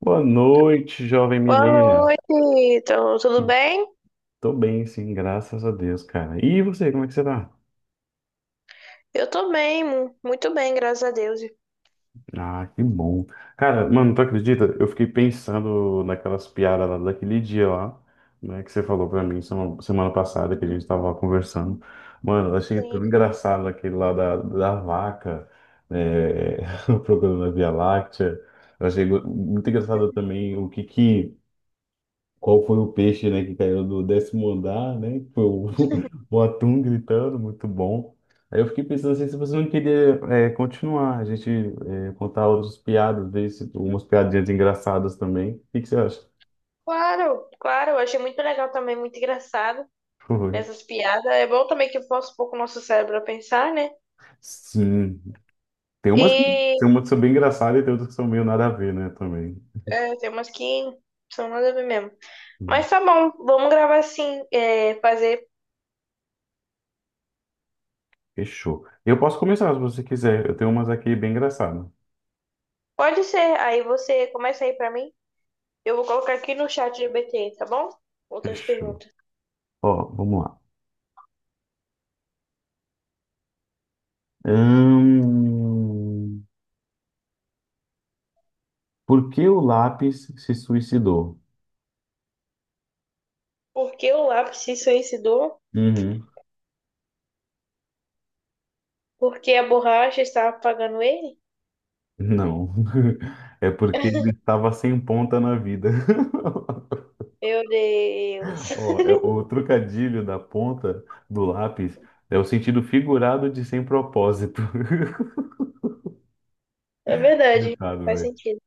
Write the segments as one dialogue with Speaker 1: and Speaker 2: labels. Speaker 1: Boa noite, jovem
Speaker 2: Boa
Speaker 1: Milena.
Speaker 2: noite, então, tudo bem?
Speaker 1: Tô bem, sim, graças a Deus, cara. E você, como é que você tá?
Speaker 2: Eu tô bem, muito bem, graças a Deus.
Speaker 1: Ah, que bom. Cara, mano, tu acredita? Eu fiquei pensando naquelas piadas lá daquele dia lá, né, que você falou pra mim semana passada que a gente tava conversando. Mano, eu achei tão
Speaker 2: Sim.
Speaker 1: engraçado aquele lá da vaca, é, procurando a Via Láctea. Eu achei muito engraçado também o que que qual foi o peixe, né, que caiu do décimo andar, né? Foi o, o atum gritando, muito bom. Aí eu fiquei pensando assim, se você não queria continuar, a gente contar outras piadas, ver se, umas piadinhas engraçadas também. O que que você acha?
Speaker 2: Claro, claro, eu achei muito legal também, muito engraçado
Speaker 1: Foi.
Speaker 2: essas piadas. É bom também que força um pouco o nosso cérebro a pensar, né?
Speaker 1: Sim. Tem umas, que-
Speaker 2: E
Speaker 1: tem umas que são bem engraçadas e tem outras que são meio nada a ver, né, também.
Speaker 2: é, tem umas que são nada a ver mesmo.
Speaker 1: Hum.
Speaker 2: Mas tá bom, vamos gravar assim, é, fazer.
Speaker 1: Fechou. Eu posso começar se você quiser. Eu tenho umas aqui bem engraçadas.
Speaker 2: Pode ser, aí você começa aí pra mim. Eu vou colocar aqui no chat GPT, tá bom? Outras
Speaker 1: Fechou.
Speaker 2: perguntas.
Speaker 1: Ó, vamos lá. Hum, Por que o lápis se suicidou?
Speaker 2: Por que o lápis se suicidou?
Speaker 1: Uhum.
Speaker 2: Por que a borracha estava apagando ele?
Speaker 1: Não. É porque ele estava sem ponta na vida.
Speaker 2: Meu Deus.
Speaker 1: Ó, é, o trocadilho da ponta do lápis é o sentido figurado de sem propósito.
Speaker 2: É verdade,
Speaker 1: Coitado,
Speaker 2: faz
Speaker 1: velho.
Speaker 2: sentido.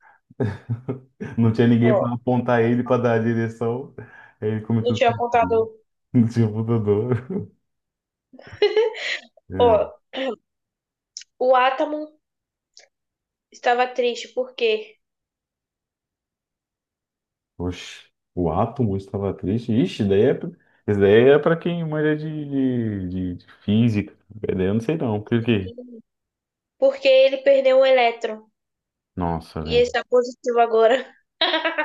Speaker 1: Não tinha ninguém
Speaker 2: Ó,
Speaker 1: para apontar ele para dar a direção. Aí ele
Speaker 2: não
Speaker 1: começou a
Speaker 2: tinha
Speaker 1: suicidar.
Speaker 2: apontado.
Speaker 1: Não tinha apontador. É.
Speaker 2: Ó, o átomo estava triste, por quê?
Speaker 1: Oxe, o átomo estava triste. Ixi, daí esse daí é para quem manja de física. Esse daí eu não sei não. Por quê?
Speaker 2: Porque ele perdeu um elétron.
Speaker 1: Nossa,
Speaker 2: E ele
Speaker 1: velho.
Speaker 2: está positivo agora.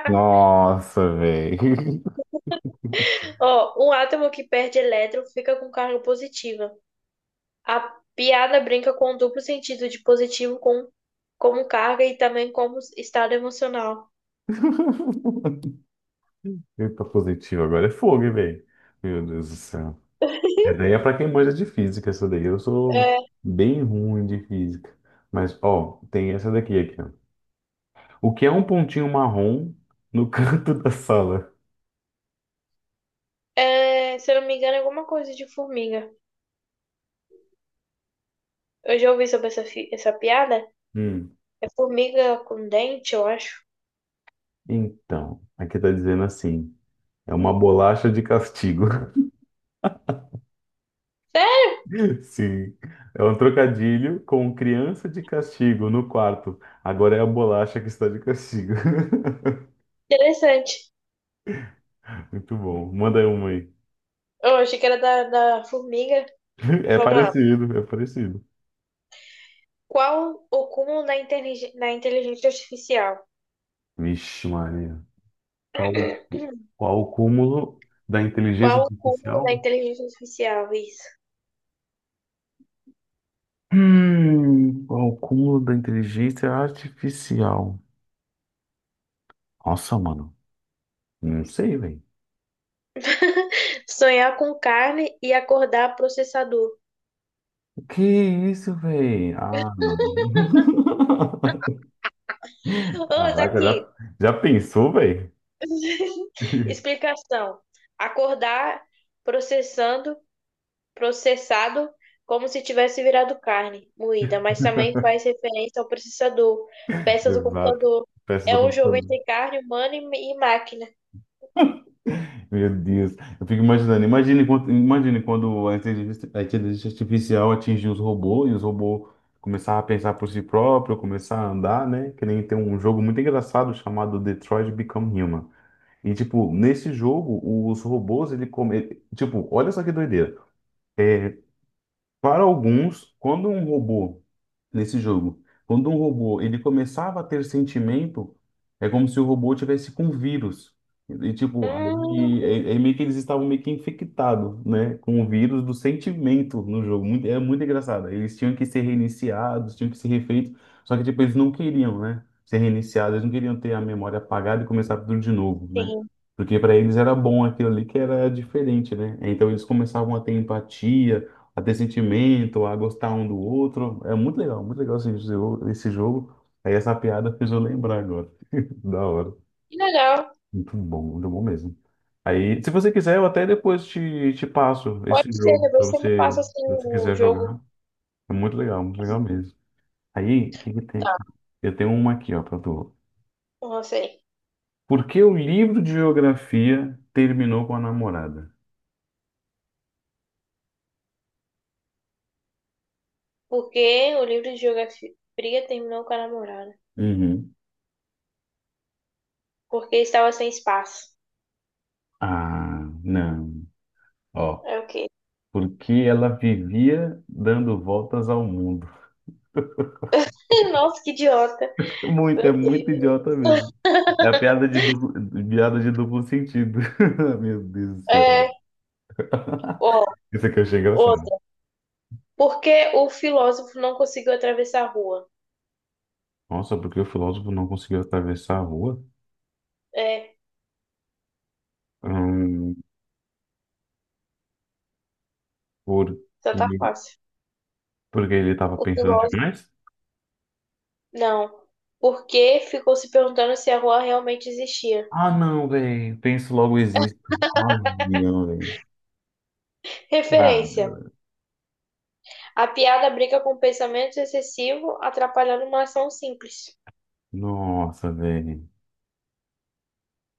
Speaker 1: Nossa, velho.
Speaker 2: Ó, um átomo que perde elétron fica com carga positiva. A piada brinca com o duplo sentido de positivo com, como carga e também como estado emocional.
Speaker 1: Eita, positivo. Agora é fogo, hein, velho. Meu Deus do céu. Essa daí é pra quem manja de física, essa daí. Eu sou
Speaker 2: É,
Speaker 1: bem ruim de física. Mas, ó, tem essa daqui aqui, ó. O que é um pontinho marrom no canto da sala?
Speaker 2: é, se eu não me engano, é alguma coisa de formiga. Eu já ouvi sobre essa, essa piada.
Speaker 1: Hum.
Speaker 2: É formiga com dente, eu acho.
Speaker 1: Então, aqui tá dizendo assim. É uma bolacha de castigo.
Speaker 2: É
Speaker 1: Sim. É um trocadilho com criança de castigo no quarto. Agora é a bolacha que está de castigo.
Speaker 2: interessante.
Speaker 1: Muito bom. Manda aí uma aí.
Speaker 2: Eu achei que era da formiga.
Speaker 1: É
Speaker 2: Vamos lá.
Speaker 1: parecido, é parecido.
Speaker 2: Qual o cúmulo da inteligência artificial?
Speaker 1: Vixe, Maria. Qual, qual o cúmulo da inteligência
Speaker 2: Qual o cúmulo da
Speaker 1: artificial?
Speaker 2: inteligência artificial? Isso.
Speaker 1: Qual o cúmulo da inteligência artificial? Nossa, mano. Não sei, velho.
Speaker 2: Sonhar com carne e acordar processador.
Speaker 1: Que é isso, velho? Ah, não.
Speaker 2: Ah, tá
Speaker 1: Caraca,
Speaker 2: aqui.
Speaker 1: já pensou, velho?
Speaker 2: Explicação. Acordar processando processado como se tivesse virado carne moída, mas também faz referência ao processador, peça do
Speaker 1: Exato.
Speaker 2: computador.
Speaker 1: Peça
Speaker 2: É
Speaker 1: do
Speaker 2: um jogo
Speaker 1: computador.
Speaker 2: entre carne humana e máquina.
Speaker 1: Meu Deus. Eu fico imaginando. Imagine quando a inteligência artificial atingiu os robôs e os robôs começaram a pensar por si próprio, começar a andar, né? Que nem tem um jogo muito engraçado chamado Detroit Become Human. E, tipo, nesse jogo, os robôs, ele come... ele- tipo, olha só que doideira. Para alguns, quando um robô nesse jogo. Quando um robô ele começava a ter sentimento, é como se o robô tivesse com vírus. E tipo,
Speaker 2: Hum,
Speaker 1: aí, é meio que eles estavam meio que infectados, né, com o vírus do sentimento no jogo. É muito engraçado. Eles tinham que ser reiniciados, tinham que ser refeitos. Só que tipo, eles não queriam, né, ser reiniciados. Eles não queriam ter a memória apagada e começar tudo de novo, né?
Speaker 2: sim.
Speaker 1: Porque para eles era bom aquilo ali que era diferente, né? Então eles começavam a ter empatia, a ter sentimento, a gostar um do outro. É muito legal esse jogo. Esse jogo. Aí essa piada fez eu lembrar agora. Da hora.
Speaker 2: Que legal.
Speaker 1: Muito bom mesmo. Aí, se você quiser, eu até depois te passo
Speaker 2: Pode
Speaker 1: esse
Speaker 2: ser,
Speaker 1: jogo, se
Speaker 2: depois você me
Speaker 1: você,
Speaker 2: passa assim
Speaker 1: se você
Speaker 2: o
Speaker 1: quiser jogar.
Speaker 2: jogo.
Speaker 1: É muito legal mesmo. Aí, o que que tem
Speaker 2: Tá,
Speaker 1: aqui? Eu tenho uma aqui, ó, pra tu.
Speaker 2: não sei.
Speaker 1: Por que o livro de geografia terminou com a namorada?
Speaker 2: Porque o livro de geografia terminou com a namorada.
Speaker 1: Uhum.
Speaker 2: Porque estava sem espaço.
Speaker 1: Ah, não. Ó,
Speaker 2: É o quê?
Speaker 1: porque ela vivia dando voltas ao mundo.
Speaker 2: Nossa, que idiota.
Speaker 1: É
Speaker 2: Meu
Speaker 1: muito
Speaker 2: Deus.
Speaker 1: idiota mesmo. É a piada de duplo sentido. Meu Deus do céu.
Speaker 2: É, ó,
Speaker 1: Isso aqui eu achei engraçado.
Speaker 2: outra. Por que o filósofo não conseguiu atravessar a rua?
Speaker 1: Nossa, porque o filósofo não conseguiu atravessar a rua?
Speaker 2: É,
Speaker 1: Hum, porque,
Speaker 2: já tá fácil.
Speaker 1: porque ele estava
Speaker 2: O
Speaker 1: pensando
Speaker 2: filósofo,
Speaker 1: demais?
Speaker 2: não. Porque ficou se perguntando se a rua realmente existia.
Speaker 1: Ah, não, velho. Penso logo existo. Avião, velho. Cara,
Speaker 2: Referência. A piada brinca com pensamento excessivo, atrapalhando uma ação simples.
Speaker 1: nossa, velho.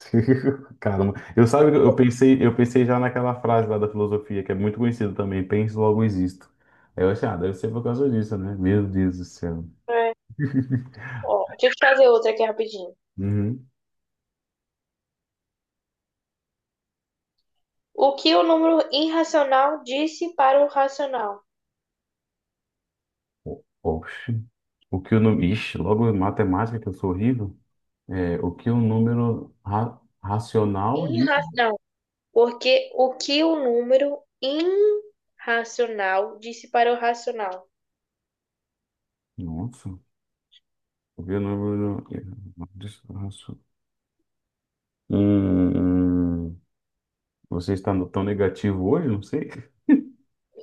Speaker 1: Caramba, eu sabe, eu pensei já naquela frase lá da filosofia, que é muito conhecida também, penso, logo existo. Aí eu achei, ah, deve ser por causa disso, né? Meu Deus do céu.
Speaker 2: É. Ó, deixa eu fazer outra aqui rapidinho.
Speaker 1: Uhum.
Speaker 2: O que o número irracional disse para o racional?
Speaker 1: O- Oxe. O que o número. Ixi, logo em matemática, que eu sou horrível. É, o que o número racional diz.
Speaker 2: Irra... Não, porque o que o número irracional disse para o racional?
Speaker 1: Nossa. O que o número. Hum, você está tão negativo hoje? Não sei.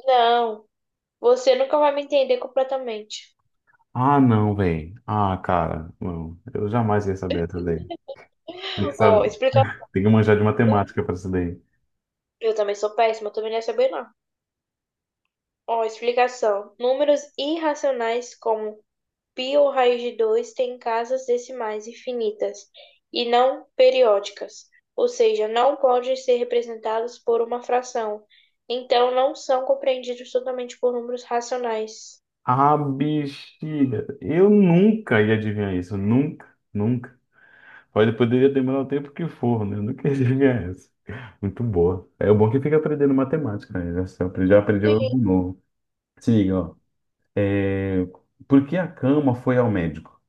Speaker 2: Não, você nunca vai me entender completamente.
Speaker 1: Ah, não, velho. Ah, cara, não. Eu jamais ia saber essa daí. Tem que
Speaker 2: Ó,
Speaker 1: saber,
Speaker 2: explica.
Speaker 1: tem que manjar de matemática pra essa daí.
Speaker 2: Eu também sou péssima, eu também não ia saber não. Ó, explicação. Números irracionais como π ou raiz de 2 têm casas decimais infinitas e não periódicas, ou seja, não podem ser representados por uma fração. Então, não são compreendidos totalmente por números racionais.
Speaker 1: Ah, bexiga. Eu nunca ia adivinhar isso. Nunca, nunca. Pode, poderia demorar o tempo que for, né? Eu nunca ia adivinhar isso. Muito boa. É o bom é que fica aprendendo matemática, né? Já aprendi
Speaker 2: E
Speaker 1: algo novo. Se liga, ó. É, por que a cama foi ao médico?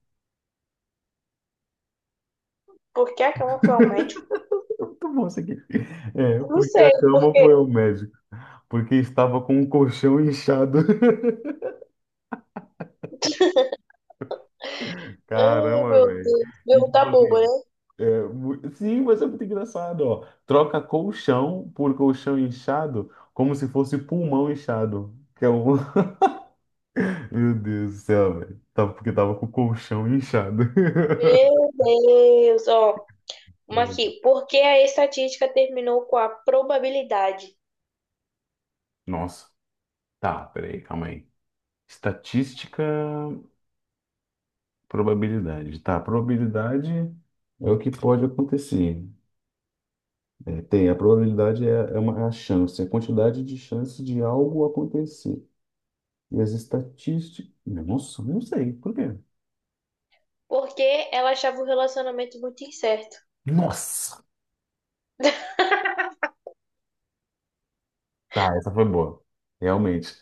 Speaker 2: por que a cama foi ao médico?
Speaker 1: Muito bom isso aqui. É,
Speaker 2: Não
Speaker 1: por que a
Speaker 2: sei, por
Speaker 1: cama
Speaker 2: quê?
Speaker 1: foi ao médico? Porque estava com o colchão inchado.
Speaker 2: Ai,
Speaker 1: Caramba,
Speaker 2: meu
Speaker 1: velho.
Speaker 2: Deus.
Speaker 1: E
Speaker 2: Pergunta
Speaker 1: tipo assim,
Speaker 2: boba, né?
Speaker 1: sim, mas é muito engraçado, ó. Troca colchão por colchão inchado, como se fosse pulmão inchado. Que é um... Meu Deus do céu, velho. Porque tava com o colchão inchado.
Speaker 2: Meu Deus. Ó, uma
Speaker 1: É.
Speaker 2: aqui. Por que a estatística terminou com a probabilidade?
Speaker 1: Nossa. Tá, peraí, calma aí. Estatística, probabilidade. Tá, probabilidade é o que pode acontecer. A probabilidade é é a chance, a quantidade de chance de algo acontecer. E as estatísticas. Nossa, não sei. Por quê?
Speaker 2: Porque ela achava o relacionamento muito incerto.
Speaker 1: Nossa! Tá, essa foi boa. Realmente.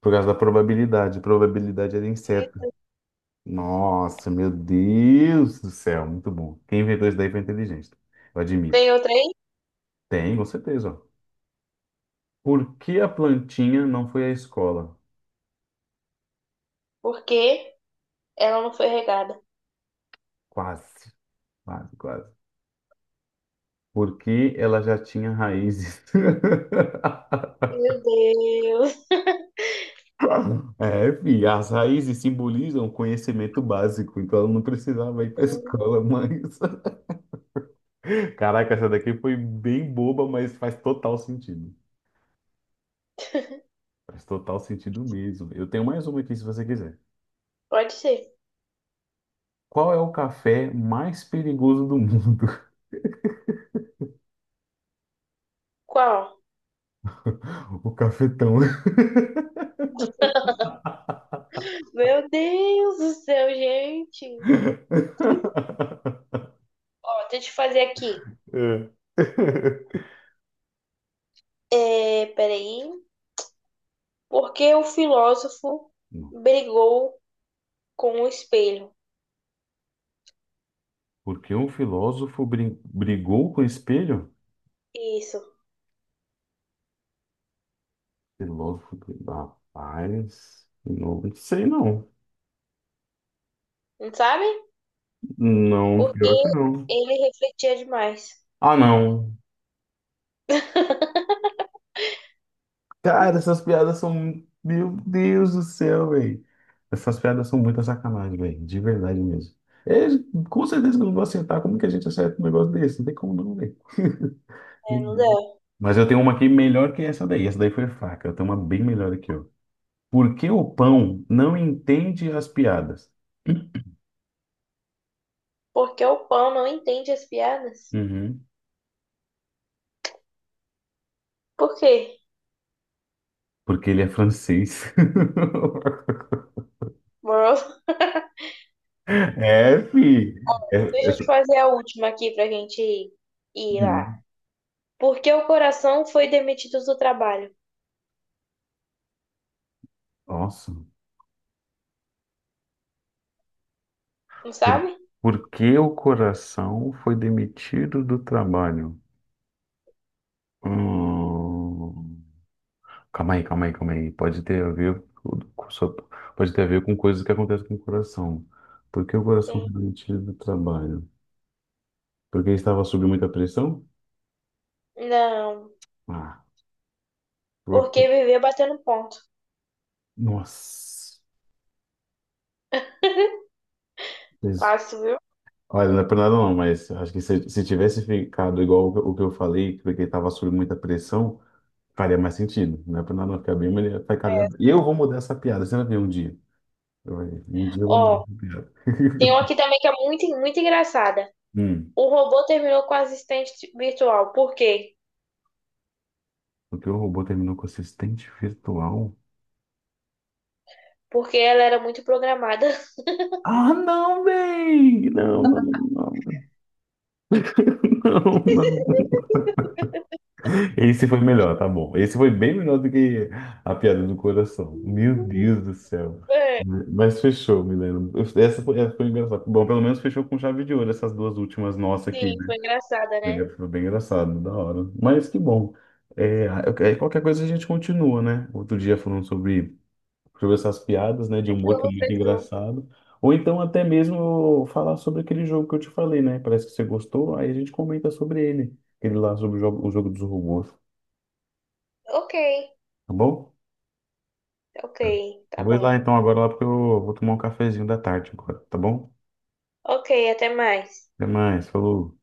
Speaker 1: Por causa da probabilidade. Probabilidade era inseto. Nossa, meu Deus do céu. Muito bom. Quem inventou isso daí foi inteligente. Eu admito.
Speaker 2: Tem outra aí?
Speaker 1: Tem, com certeza. Ó. Por que a plantinha não foi à escola?
Speaker 2: Porque ela não foi regada.
Speaker 1: Quase, quase. Porque ela já tinha raízes.
Speaker 2: Meu Deus.
Speaker 1: É, filho, as raízes simbolizam o conhecimento básico, então ela não precisava ir para escola, mas. Caraca, essa daqui foi bem boba, mas faz total sentido. Faz total sentido mesmo. Eu tenho mais uma aqui se você quiser.
Speaker 2: Pode ser.
Speaker 1: Qual é o café mais perigoso do mundo?
Speaker 2: Qual?
Speaker 1: O cafetão.
Speaker 2: Meu Deus do céu, gente. Ó, deixa eu fazer aqui.
Speaker 1: É.
Speaker 2: É, peraí. Por que o filósofo
Speaker 1: Não.
Speaker 2: brigou com o espelho?
Speaker 1: Porque um filósofo brigou com o espelho?
Speaker 2: Isso.
Speaker 1: Filósofo, rapaz, não sei não.
Speaker 2: Não sabe?
Speaker 1: Não,
Speaker 2: Porque
Speaker 1: pior que não.
Speaker 2: ele refletia demais.
Speaker 1: Ah, não. Cara, essas piadas Meu Deus do céu, velho. Essas piadas são muita sacanagem, velho. De verdade mesmo. É, com certeza que eu não vou aceitar. Como que a gente acerta um negócio desse? Não tem como não, velho.
Speaker 2: É, não dá.
Speaker 1: Mas eu tenho uma aqui melhor que essa daí. Essa daí foi fraca. Eu tenho uma bem melhor aqui, ó. Por que o pão não entende as piadas?
Speaker 2: Porque o pão não entende as piadas.
Speaker 1: Uhum.
Speaker 2: Por quê?
Speaker 1: Porque ele é francês.
Speaker 2: Moroso?
Speaker 1: É, fi. É-
Speaker 2: Deixa eu te
Speaker 1: é-
Speaker 2: fazer a última aqui pra gente ir, ir lá.
Speaker 1: hum,
Speaker 2: Por que o coração foi demitido do trabalho?
Speaker 1: Nossa.
Speaker 2: Não
Speaker 1: Por,
Speaker 2: sabe?
Speaker 1: por que o coração foi demitido do trabalho? Hum, calma aí. Pode ter a ver pode ter a ver com coisas que acontecem com o coração. Por que o coração foi
Speaker 2: Sim.
Speaker 1: demitido do trabalho? Porque estava sob muita pressão?
Speaker 2: Não.
Speaker 1: Ah, por-
Speaker 2: Porque viver batendo ponto.
Speaker 1: nossa. Isso-
Speaker 2: Fácil, viu?
Speaker 1: Olha, não é por nada não, mas acho que se tivesse ficado igual o que eu falei, porque estava sob muita pressão, faria mais sentido. Não é por nada não ficar bem, mas ele vai ficar. E
Speaker 2: Essa.
Speaker 1: eu vou mudar essa piada, você vai ver um dia. Um dia vamos
Speaker 2: Ó,
Speaker 1: recuperar.
Speaker 2: tem uma aqui também que é muito, muito engraçada.
Speaker 1: Hum,
Speaker 2: O robô terminou com a assistente virtual. Por quê?
Speaker 1: o teu robô terminou com assistente virtual?
Speaker 2: Porque ela era muito programada.
Speaker 1: Ah, não, véi! Não, não, não, não, não. Esse foi melhor, tá bom. Esse foi bem melhor do que a piada do coração. Meu Deus do céu.
Speaker 2: É,
Speaker 1: Mas fechou, Milena. Essa foi engraçada. Bom, pelo menos fechou com chave de ouro essas duas últimas nossas aqui,
Speaker 2: sim,
Speaker 1: né?
Speaker 2: foi engraçada,
Speaker 1: Bem,
Speaker 2: né?
Speaker 1: foi bem engraçado, da hora. Mas que bom. É, qualquer coisa a gente continua, né? Outro dia falando sobre essas piadas, né, de humor que é
Speaker 2: Fechou,
Speaker 1: muito
Speaker 2: fechou.
Speaker 1: engraçado. Ou então até mesmo falar sobre aquele jogo que eu te falei, né? Parece que você gostou, aí a gente comenta sobre ele, aquele lá sobre o jogo dos robôs,
Speaker 2: Ok.
Speaker 1: tá bom?
Speaker 2: Ok, tá
Speaker 1: Vou ir
Speaker 2: bom.
Speaker 1: lá então agora lá porque eu vou tomar um cafezinho da tarde agora, tá bom?
Speaker 2: Ok, até mais.
Speaker 1: Até mais, falou.